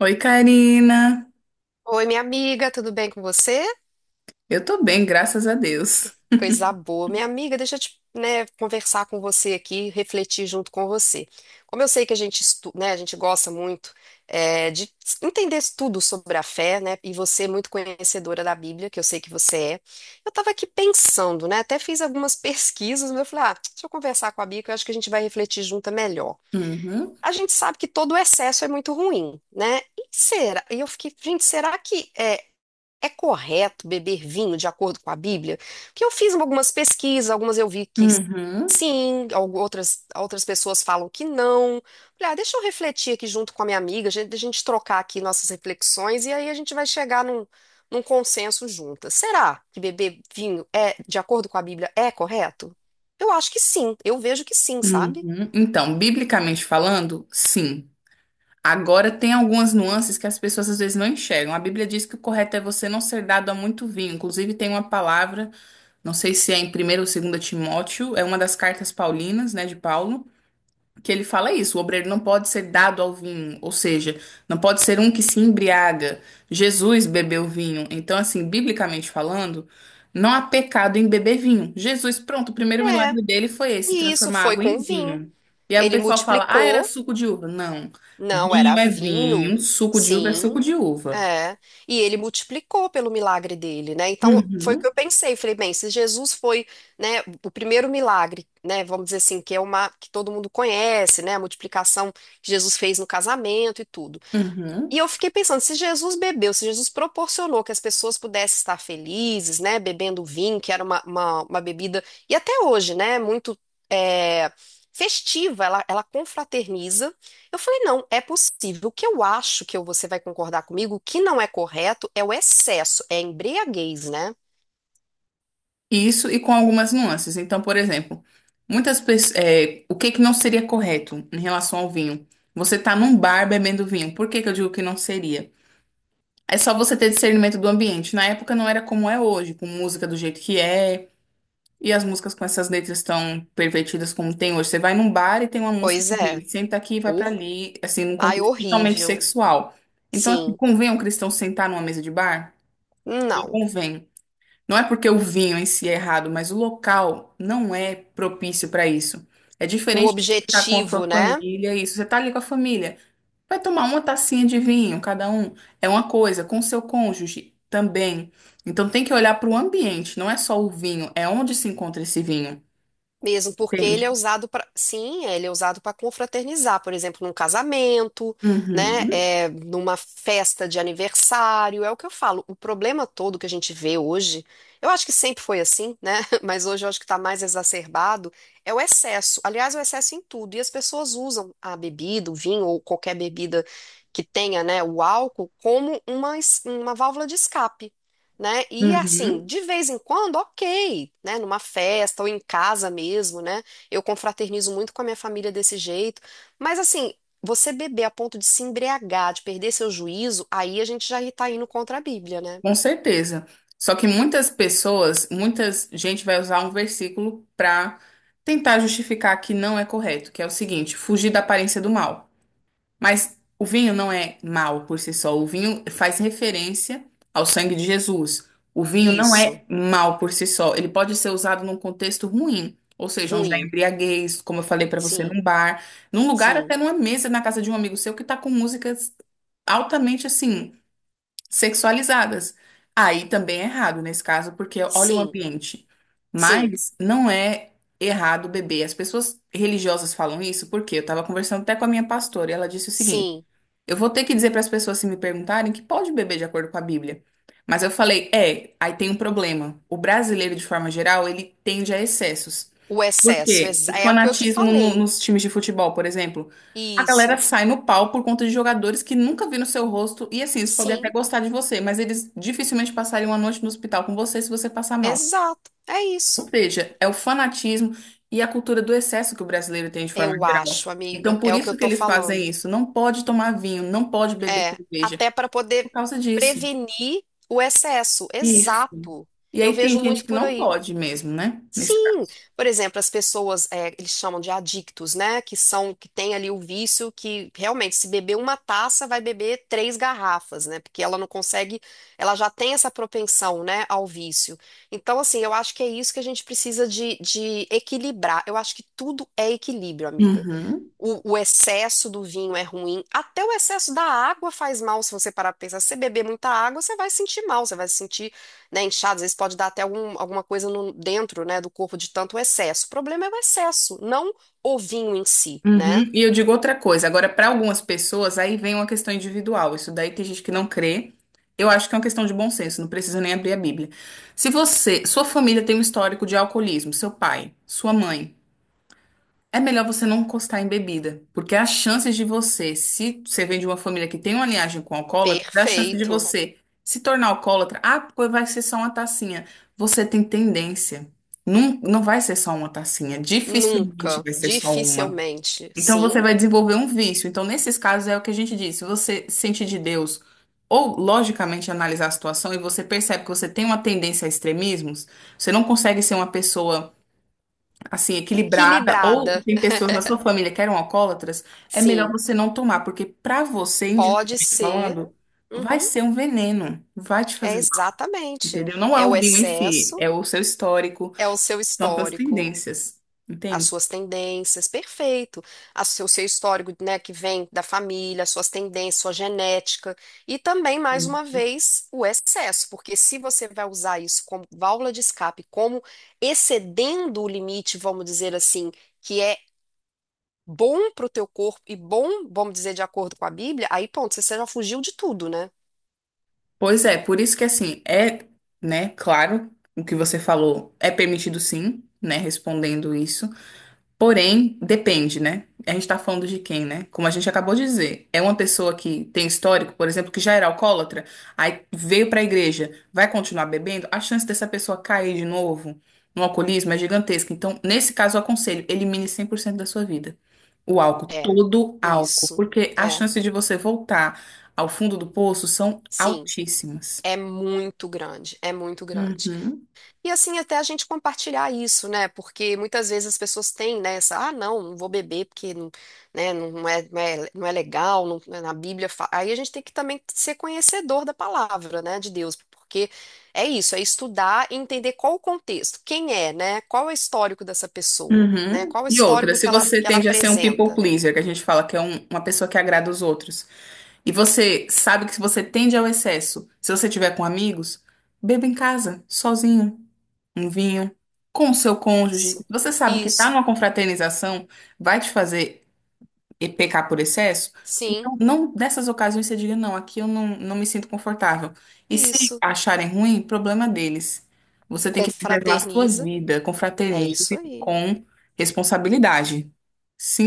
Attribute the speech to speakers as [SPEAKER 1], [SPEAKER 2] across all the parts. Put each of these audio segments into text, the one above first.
[SPEAKER 1] Oi, Karina.
[SPEAKER 2] Oi, minha amiga, tudo bem com você?
[SPEAKER 1] Eu tô bem, graças a Deus.
[SPEAKER 2] Coisa boa. Minha amiga, deixa eu te, né, conversar com você aqui, refletir junto com você. Como eu sei que a gente gosta muito de entender tudo sobre a fé, né? E você é muito conhecedora da Bíblia, que eu sei que você é. Eu estava aqui pensando, né? Até fiz algumas pesquisas, mas eu falei, ah, deixa eu conversar com a Bíblia, que eu acho que a gente vai refletir junto é melhor.
[SPEAKER 1] Uhum,
[SPEAKER 2] A gente sabe que todo o excesso é muito ruim, né? E será? E eu fiquei, gente, será que é É correto beber vinho de acordo com a Bíblia? Porque eu fiz algumas pesquisas, algumas eu vi que
[SPEAKER 1] uhum,
[SPEAKER 2] sim, outras, outras pessoas falam que não. Falei, ah, deixa eu refletir aqui junto com a minha amiga, a gente trocar aqui nossas reflexões e aí a gente vai chegar num consenso juntas. Será que beber vinho é de acordo com a Bíblia é correto? Eu acho que sim, eu vejo que sim, sabe?
[SPEAKER 1] uhum. Então, biblicamente falando, sim. Agora, tem algumas nuances que as pessoas às vezes não enxergam. A Bíblia diz que o correto é você não ser dado a muito vinho. Inclusive, tem uma palavra, não sei se é em Primeiro ou Segundo Timóteo, é uma das cartas paulinas, né, de Paulo que ele fala isso, o obreiro não pode ser dado ao vinho, ou seja, não pode ser um que se embriaga. Jesus bebeu vinho. Então, assim, biblicamente falando, não há pecado em beber vinho. Jesus, pronto, o primeiro
[SPEAKER 2] É,
[SPEAKER 1] milagre dele foi esse,
[SPEAKER 2] e isso
[SPEAKER 1] transformar
[SPEAKER 2] foi
[SPEAKER 1] água
[SPEAKER 2] com o
[SPEAKER 1] em
[SPEAKER 2] vinho.
[SPEAKER 1] vinho. E aí o
[SPEAKER 2] Ele
[SPEAKER 1] pessoal fala, ah, era
[SPEAKER 2] multiplicou,
[SPEAKER 1] suco de uva. Não,
[SPEAKER 2] não
[SPEAKER 1] vinho
[SPEAKER 2] era
[SPEAKER 1] é
[SPEAKER 2] vinho,
[SPEAKER 1] vinho, suco de uva é suco
[SPEAKER 2] sim.
[SPEAKER 1] de uva.
[SPEAKER 2] É, e ele multiplicou pelo milagre dele, né? Então foi o
[SPEAKER 1] Uhum,
[SPEAKER 2] que eu pensei, falei, bem, se Jesus foi, né, o primeiro milagre, né, vamos dizer assim, que é uma que todo mundo conhece, né, a multiplicação que Jesus fez no casamento e tudo.
[SPEAKER 1] uhum.
[SPEAKER 2] E eu fiquei pensando, se Jesus bebeu, se Jesus proporcionou que as pessoas pudessem estar felizes, né, bebendo vinho, que era uma bebida, e até hoje, né, muito é, festiva, ela confraterniza. Eu falei, não, é possível. O que eu acho que você vai concordar comigo, que não é correto é o excesso, é a embriaguez, né?
[SPEAKER 1] Isso e com algumas nuances. Então, por exemplo, muitas pessoas, o que que não seria correto em relação ao vinho? Você tá num bar bebendo vinho. Por que que eu digo que não seria? É só você ter discernimento do ambiente. Na época não era como é hoje, com música do jeito que é, e as músicas com essas letras tão pervertidas como tem hoje. Você vai num bar e tem uma música
[SPEAKER 2] Pois
[SPEAKER 1] que
[SPEAKER 2] é.
[SPEAKER 1] diz, senta aqui e vai pra
[SPEAKER 2] Hor-
[SPEAKER 1] ali, assim, num
[SPEAKER 2] Ai,
[SPEAKER 1] contexto totalmente
[SPEAKER 2] horrível.
[SPEAKER 1] sexual. Então, assim,
[SPEAKER 2] Sim.
[SPEAKER 1] convém um cristão sentar numa mesa de bar? Não
[SPEAKER 2] Não.
[SPEAKER 1] convém. Não é porque o vinho em si é errado, mas o local não é propício para isso. É
[SPEAKER 2] O
[SPEAKER 1] diferente de você estar com a sua
[SPEAKER 2] objetivo, né?
[SPEAKER 1] família, isso. Você está ali com a família, vai tomar uma tacinha de vinho, cada um. É uma coisa, com seu cônjuge também. Então tem que olhar para o ambiente, não é só o vinho, é onde se encontra esse vinho.
[SPEAKER 2] Mesmo porque ele
[SPEAKER 1] Entende?
[SPEAKER 2] é usado para, sim, ele é usado para confraternizar, por exemplo, num casamento, né,
[SPEAKER 1] Uhum,
[SPEAKER 2] é, numa festa de aniversário, é o que eu falo. O problema todo que a gente vê hoje, eu acho que sempre foi assim, né, mas hoje eu acho que está mais exacerbado, é o excesso. Aliás, é o excesso em tudo. E as pessoas usam a bebida, o vinho ou qualquer bebida que tenha, né, o álcool como uma válvula de escape né? E assim,
[SPEAKER 1] uhum.
[SPEAKER 2] de vez em quando, ok, né? Numa festa ou em casa mesmo, né? Eu confraternizo muito com a minha família desse jeito. Mas assim, você beber a ponto de se embriagar, de perder seu juízo, aí a gente já tá indo contra a Bíblia, né?
[SPEAKER 1] Com certeza. Só que muitas pessoas, muitas gente vai usar um versículo para tentar justificar que não é correto, que é o seguinte: fugir da aparência do mal. Mas o vinho não é mal por si só. O vinho faz referência ao sangue de Jesus. O vinho não
[SPEAKER 2] Isso.
[SPEAKER 1] é mal por si só. Ele pode ser usado num contexto ruim, ou seja, onde há
[SPEAKER 2] Ruim.
[SPEAKER 1] embriaguez, como eu falei para você,
[SPEAKER 2] Sim,
[SPEAKER 1] num bar, num lugar,
[SPEAKER 2] sim,
[SPEAKER 1] até numa mesa na casa de um amigo seu que está com músicas altamente assim sexualizadas. Aí também é errado nesse caso, porque olha o
[SPEAKER 2] sim,
[SPEAKER 1] ambiente.
[SPEAKER 2] sim,
[SPEAKER 1] Mas não é errado beber. As pessoas religiosas falam isso porque eu estava conversando até com a minha pastora e ela disse o seguinte:
[SPEAKER 2] sim.
[SPEAKER 1] eu vou ter que dizer para as pessoas se me perguntarem que pode beber de acordo com a Bíblia. Mas eu falei, é, aí tem um problema. O brasileiro, de forma geral, ele tende a excessos.
[SPEAKER 2] O excesso.
[SPEAKER 1] Porque o
[SPEAKER 2] É o que eu te
[SPEAKER 1] fanatismo
[SPEAKER 2] falei.
[SPEAKER 1] nos times de futebol, por exemplo, a galera
[SPEAKER 2] Isso.
[SPEAKER 1] sai no pau por conta de jogadores que nunca viram seu rosto e assim, eles podem até
[SPEAKER 2] Sim,
[SPEAKER 1] gostar de você, mas eles dificilmente passariam uma noite no hospital com você se você passar mal.
[SPEAKER 2] exato. É
[SPEAKER 1] Ou
[SPEAKER 2] isso.
[SPEAKER 1] seja, é o fanatismo e a cultura do excesso que o brasileiro tem de forma
[SPEAKER 2] Eu
[SPEAKER 1] geral.
[SPEAKER 2] acho,
[SPEAKER 1] Então,
[SPEAKER 2] amiga. É
[SPEAKER 1] por
[SPEAKER 2] o que eu
[SPEAKER 1] isso que
[SPEAKER 2] tô
[SPEAKER 1] eles fazem
[SPEAKER 2] falando.
[SPEAKER 1] isso. Não pode tomar vinho, não pode beber
[SPEAKER 2] É,
[SPEAKER 1] cerveja,
[SPEAKER 2] até para poder
[SPEAKER 1] por causa disso.
[SPEAKER 2] prevenir o excesso.
[SPEAKER 1] Isso.
[SPEAKER 2] Exato.
[SPEAKER 1] E
[SPEAKER 2] Eu
[SPEAKER 1] aí tem
[SPEAKER 2] vejo
[SPEAKER 1] gente
[SPEAKER 2] muito
[SPEAKER 1] que
[SPEAKER 2] por
[SPEAKER 1] não
[SPEAKER 2] aí.
[SPEAKER 1] pode mesmo, né? Nesse
[SPEAKER 2] Sim,
[SPEAKER 1] caso.
[SPEAKER 2] por exemplo, as pessoas, é, eles chamam de adictos, né? Que são, que tem ali o vício que realmente, se beber uma taça, vai beber três garrafas, né? Porque ela não consegue, ela já tem essa propensão, né, ao vício. Então, assim, eu acho que é isso que a gente precisa de equilibrar. Eu acho que tudo é equilíbrio, amiga.
[SPEAKER 1] Uhum.
[SPEAKER 2] O excesso do vinho é ruim, até o excesso da água faz mal, se você parar para pensar. Se você beber muita água, você vai sentir mal, você vai se sentir, né, inchado, às vezes pode dar até alguma coisa dentro, né, do corpo de tanto excesso. O problema é o excesso, não o vinho em si, né?
[SPEAKER 1] Uhum. E eu digo outra coisa, agora para algumas pessoas aí vem uma questão individual, isso daí tem gente que não crê. Eu acho que é uma questão de bom senso, não precisa nem abrir a Bíblia. Se você, sua família tem um histórico de alcoolismo, seu pai, sua mãe, é melhor você não encostar em bebida, porque as chances de você, se você vem de uma família que tem uma linhagem com alcoólatra, a chance de
[SPEAKER 2] Perfeito.
[SPEAKER 1] você se tornar alcoólatra, ah, pô, vai ser só uma tacinha. Você tem tendência. Não, não vai ser só uma tacinha, dificilmente
[SPEAKER 2] Nunca,
[SPEAKER 1] vai ser só uma.
[SPEAKER 2] dificilmente,
[SPEAKER 1] Então você
[SPEAKER 2] sim.
[SPEAKER 1] vai desenvolver um vício. Então, nesses casos, é o que a gente diz. Se você sente de Deus ou logicamente analisar a situação e você percebe que você tem uma tendência a extremismos, você não consegue ser uma pessoa assim equilibrada ou
[SPEAKER 2] Equilibrada,
[SPEAKER 1] tem pessoas na sua família que eram alcoólatras, é melhor
[SPEAKER 2] sim.
[SPEAKER 1] você não tomar, porque para você,
[SPEAKER 2] Pode
[SPEAKER 1] individualmente
[SPEAKER 2] ser.
[SPEAKER 1] falando, vai
[SPEAKER 2] Uhum,
[SPEAKER 1] ser um veneno, vai te
[SPEAKER 2] é
[SPEAKER 1] fazer mal,
[SPEAKER 2] exatamente.
[SPEAKER 1] entendeu? Não é
[SPEAKER 2] É o
[SPEAKER 1] o vinho em si,
[SPEAKER 2] excesso,
[SPEAKER 1] é o seu histórico,
[SPEAKER 2] é o seu
[SPEAKER 1] são as suas
[SPEAKER 2] histórico.
[SPEAKER 1] tendências,
[SPEAKER 2] As
[SPEAKER 1] entende?
[SPEAKER 2] suas tendências, perfeito. O seu histórico, né, que vem da família, as suas tendências, sua genética. E também, mais uma vez, o excesso, porque se você vai usar isso como válvula de escape, como excedendo o limite, vamos dizer assim, que é bom para o teu corpo e bom, vamos dizer, de acordo com a Bíblia, aí, ponto, você já fugiu de tudo, né?
[SPEAKER 1] Pois é, por isso que assim, é, né, claro, o que você falou é permitido sim, né, respondendo isso. Porém, depende, né? A gente tá falando de quem, né? Como a gente acabou de dizer, é uma pessoa que tem histórico, por exemplo, que já era alcoólatra, aí veio pra igreja, vai continuar bebendo, a chance dessa pessoa cair de novo no alcoolismo é gigantesca. Então, nesse caso, eu aconselho, elimine 100% da sua vida. O álcool,
[SPEAKER 2] É,
[SPEAKER 1] todo álcool,
[SPEAKER 2] isso.
[SPEAKER 1] porque a
[SPEAKER 2] É,
[SPEAKER 1] chance de você voltar ao fundo do poço são
[SPEAKER 2] sim.
[SPEAKER 1] altíssimas.
[SPEAKER 2] É muito grande, é muito grande.
[SPEAKER 1] Uhum,
[SPEAKER 2] E assim, até a gente compartilhar isso, né? Porque muitas vezes as pessoas têm, né, essa, ah, não, não vou beber porque não, né, não é legal, né, na Bíblia. Aí a gente tem que também ser conhecedor da palavra, né, de Deus, porque é isso, é estudar e entender qual o contexto, quem é, né? Qual é o histórico dessa pessoa, né?
[SPEAKER 1] uhum.
[SPEAKER 2] Qual é o
[SPEAKER 1] E outra,
[SPEAKER 2] histórico
[SPEAKER 1] se
[SPEAKER 2] que
[SPEAKER 1] você
[SPEAKER 2] que ela
[SPEAKER 1] tende a ser um people
[SPEAKER 2] apresenta.
[SPEAKER 1] pleaser, que a gente fala que é uma pessoa que agrada os outros, e você sabe que se você tende ao excesso, se você tiver com amigos, beba em casa, sozinho, um vinho, com o seu cônjuge.
[SPEAKER 2] Isso,
[SPEAKER 1] Você sabe que tá
[SPEAKER 2] isso,
[SPEAKER 1] numa confraternização, vai te fazer e pecar por excesso.
[SPEAKER 2] sim,
[SPEAKER 1] Então, não dessas ocasiões você diga, não, aqui eu não, não me sinto confortável. E se
[SPEAKER 2] isso.
[SPEAKER 1] acharem ruim, problema deles. Você tem que preservar a sua
[SPEAKER 2] Confraterniza,
[SPEAKER 1] vida,
[SPEAKER 2] é isso
[SPEAKER 1] confraternize
[SPEAKER 2] aí,
[SPEAKER 1] com responsabilidade.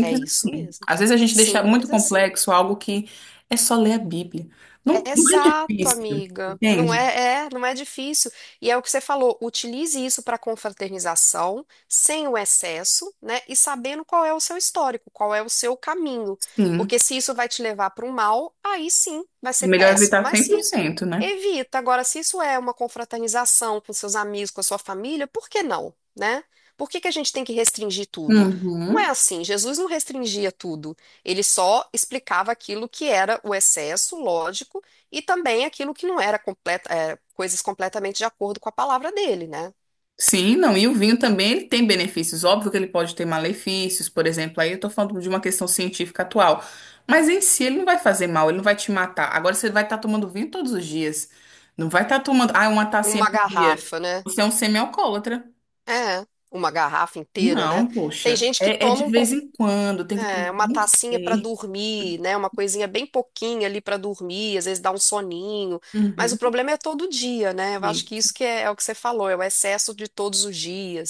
[SPEAKER 2] é isso
[SPEAKER 1] assim.
[SPEAKER 2] mesmo.
[SPEAKER 1] Às vezes a gente deixa muito
[SPEAKER 2] Simples assim.
[SPEAKER 1] complexo algo que é só ler a Bíblia. Não, não é
[SPEAKER 2] Exato,
[SPEAKER 1] difícil,
[SPEAKER 2] amiga.
[SPEAKER 1] entende?
[SPEAKER 2] Não é difícil. E é o que você falou, utilize isso para confraternização, sem o excesso, né? E sabendo qual é o seu histórico, qual é o seu caminho.
[SPEAKER 1] Sim.
[SPEAKER 2] Porque se isso vai te levar para o mal, aí sim, vai
[SPEAKER 1] É
[SPEAKER 2] ser
[SPEAKER 1] melhor
[SPEAKER 2] péssimo.
[SPEAKER 1] evitar
[SPEAKER 2] Mas
[SPEAKER 1] cem
[SPEAKER 2] se
[SPEAKER 1] por
[SPEAKER 2] isso
[SPEAKER 1] cento né?
[SPEAKER 2] evita. Agora, se isso é uma confraternização com seus amigos, com a sua família, por que não, né? Por que que a gente tem que restringir tudo? Não é
[SPEAKER 1] Uhum.
[SPEAKER 2] assim, Jesus não restringia tudo. Ele só explicava aquilo que era o excesso, lógico e também aquilo que não era completa, é, coisas completamente de acordo com a palavra dele, né?
[SPEAKER 1] Sim, não, e o vinho também ele tem benefícios. Óbvio que ele pode ter malefícios, por exemplo, aí eu tô falando de uma questão científica atual. Mas em si ele não vai fazer mal, ele não vai te matar. Agora você vai estar tomando vinho todos os dias. Não vai estar tomando, ah, uma tacinha
[SPEAKER 2] Uma
[SPEAKER 1] por dia.
[SPEAKER 2] garrafa, né?
[SPEAKER 1] Você é um semi-alcoólatra.
[SPEAKER 2] É, uma garrafa inteira, né?
[SPEAKER 1] Não,
[SPEAKER 2] Tem
[SPEAKER 1] poxa.
[SPEAKER 2] gente que
[SPEAKER 1] É de
[SPEAKER 2] toma um
[SPEAKER 1] vez
[SPEAKER 2] pouco,
[SPEAKER 1] em quando, tem que ter
[SPEAKER 2] é, uma
[SPEAKER 1] bom
[SPEAKER 2] tacinha para
[SPEAKER 1] senso.
[SPEAKER 2] dormir, né? Uma coisinha bem pouquinha ali para dormir, às vezes dá um soninho, mas o
[SPEAKER 1] Uhum,
[SPEAKER 2] problema é todo dia, né? Eu acho que
[SPEAKER 1] isso.
[SPEAKER 2] é o que você falou, é o excesso de todos os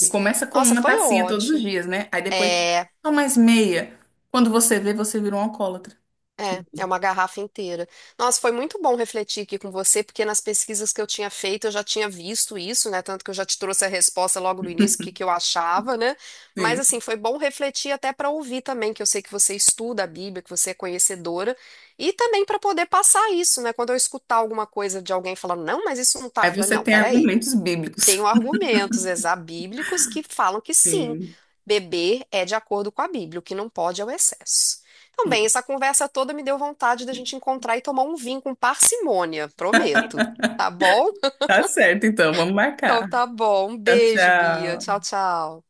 [SPEAKER 1] E começa com
[SPEAKER 2] Nossa,
[SPEAKER 1] uma
[SPEAKER 2] foi
[SPEAKER 1] tacinha todos os
[SPEAKER 2] ótimo.
[SPEAKER 1] dias, né? Aí depois,
[SPEAKER 2] É,
[SPEAKER 1] só mais meia. Quando você vê, você vira um alcoólatra.
[SPEAKER 2] É, é uma garrafa inteira. Nossa, foi muito bom refletir aqui com você, porque nas pesquisas que eu tinha feito eu já tinha visto isso, né? Tanto que eu já te trouxe a resposta logo no início, o que que eu achava, né? Mas
[SPEAKER 1] Sim.
[SPEAKER 2] assim, foi bom refletir até para ouvir também, que eu sei que você estuda a Bíblia, que você é conhecedora, e também para poder passar isso, né? Quando eu escutar alguma coisa de alguém falando, não, mas isso não tá, eu
[SPEAKER 1] Aí
[SPEAKER 2] falei,
[SPEAKER 1] você
[SPEAKER 2] não,
[SPEAKER 1] tem
[SPEAKER 2] peraí.
[SPEAKER 1] argumentos bíblicos.
[SPEAKER 2] Tenho argumentos exabíblicos que falam que sim,
[SPEAKER 1] Sim.
[SPEAKER 2] beber é de acordo com a Bíblia, o que não pode é o excesso. Então, bem, essa conversa toda me deu vontade da gente encontrar e tomar um vinho com parcimônia, prometo. Tá bom?
[SPEAKER 1] Tá certo, então. Vamos
[SPEAKER 2] Então
[SPEAKER 1] marcar.
[SPEAKER 2] tá bom. Um
[SPEAKER 1] Tchau,
[SPEAKER 2] beijo, Bia.
[SPEAKER 1] tchau.
[SPEAKER 2] Tchau, tchau.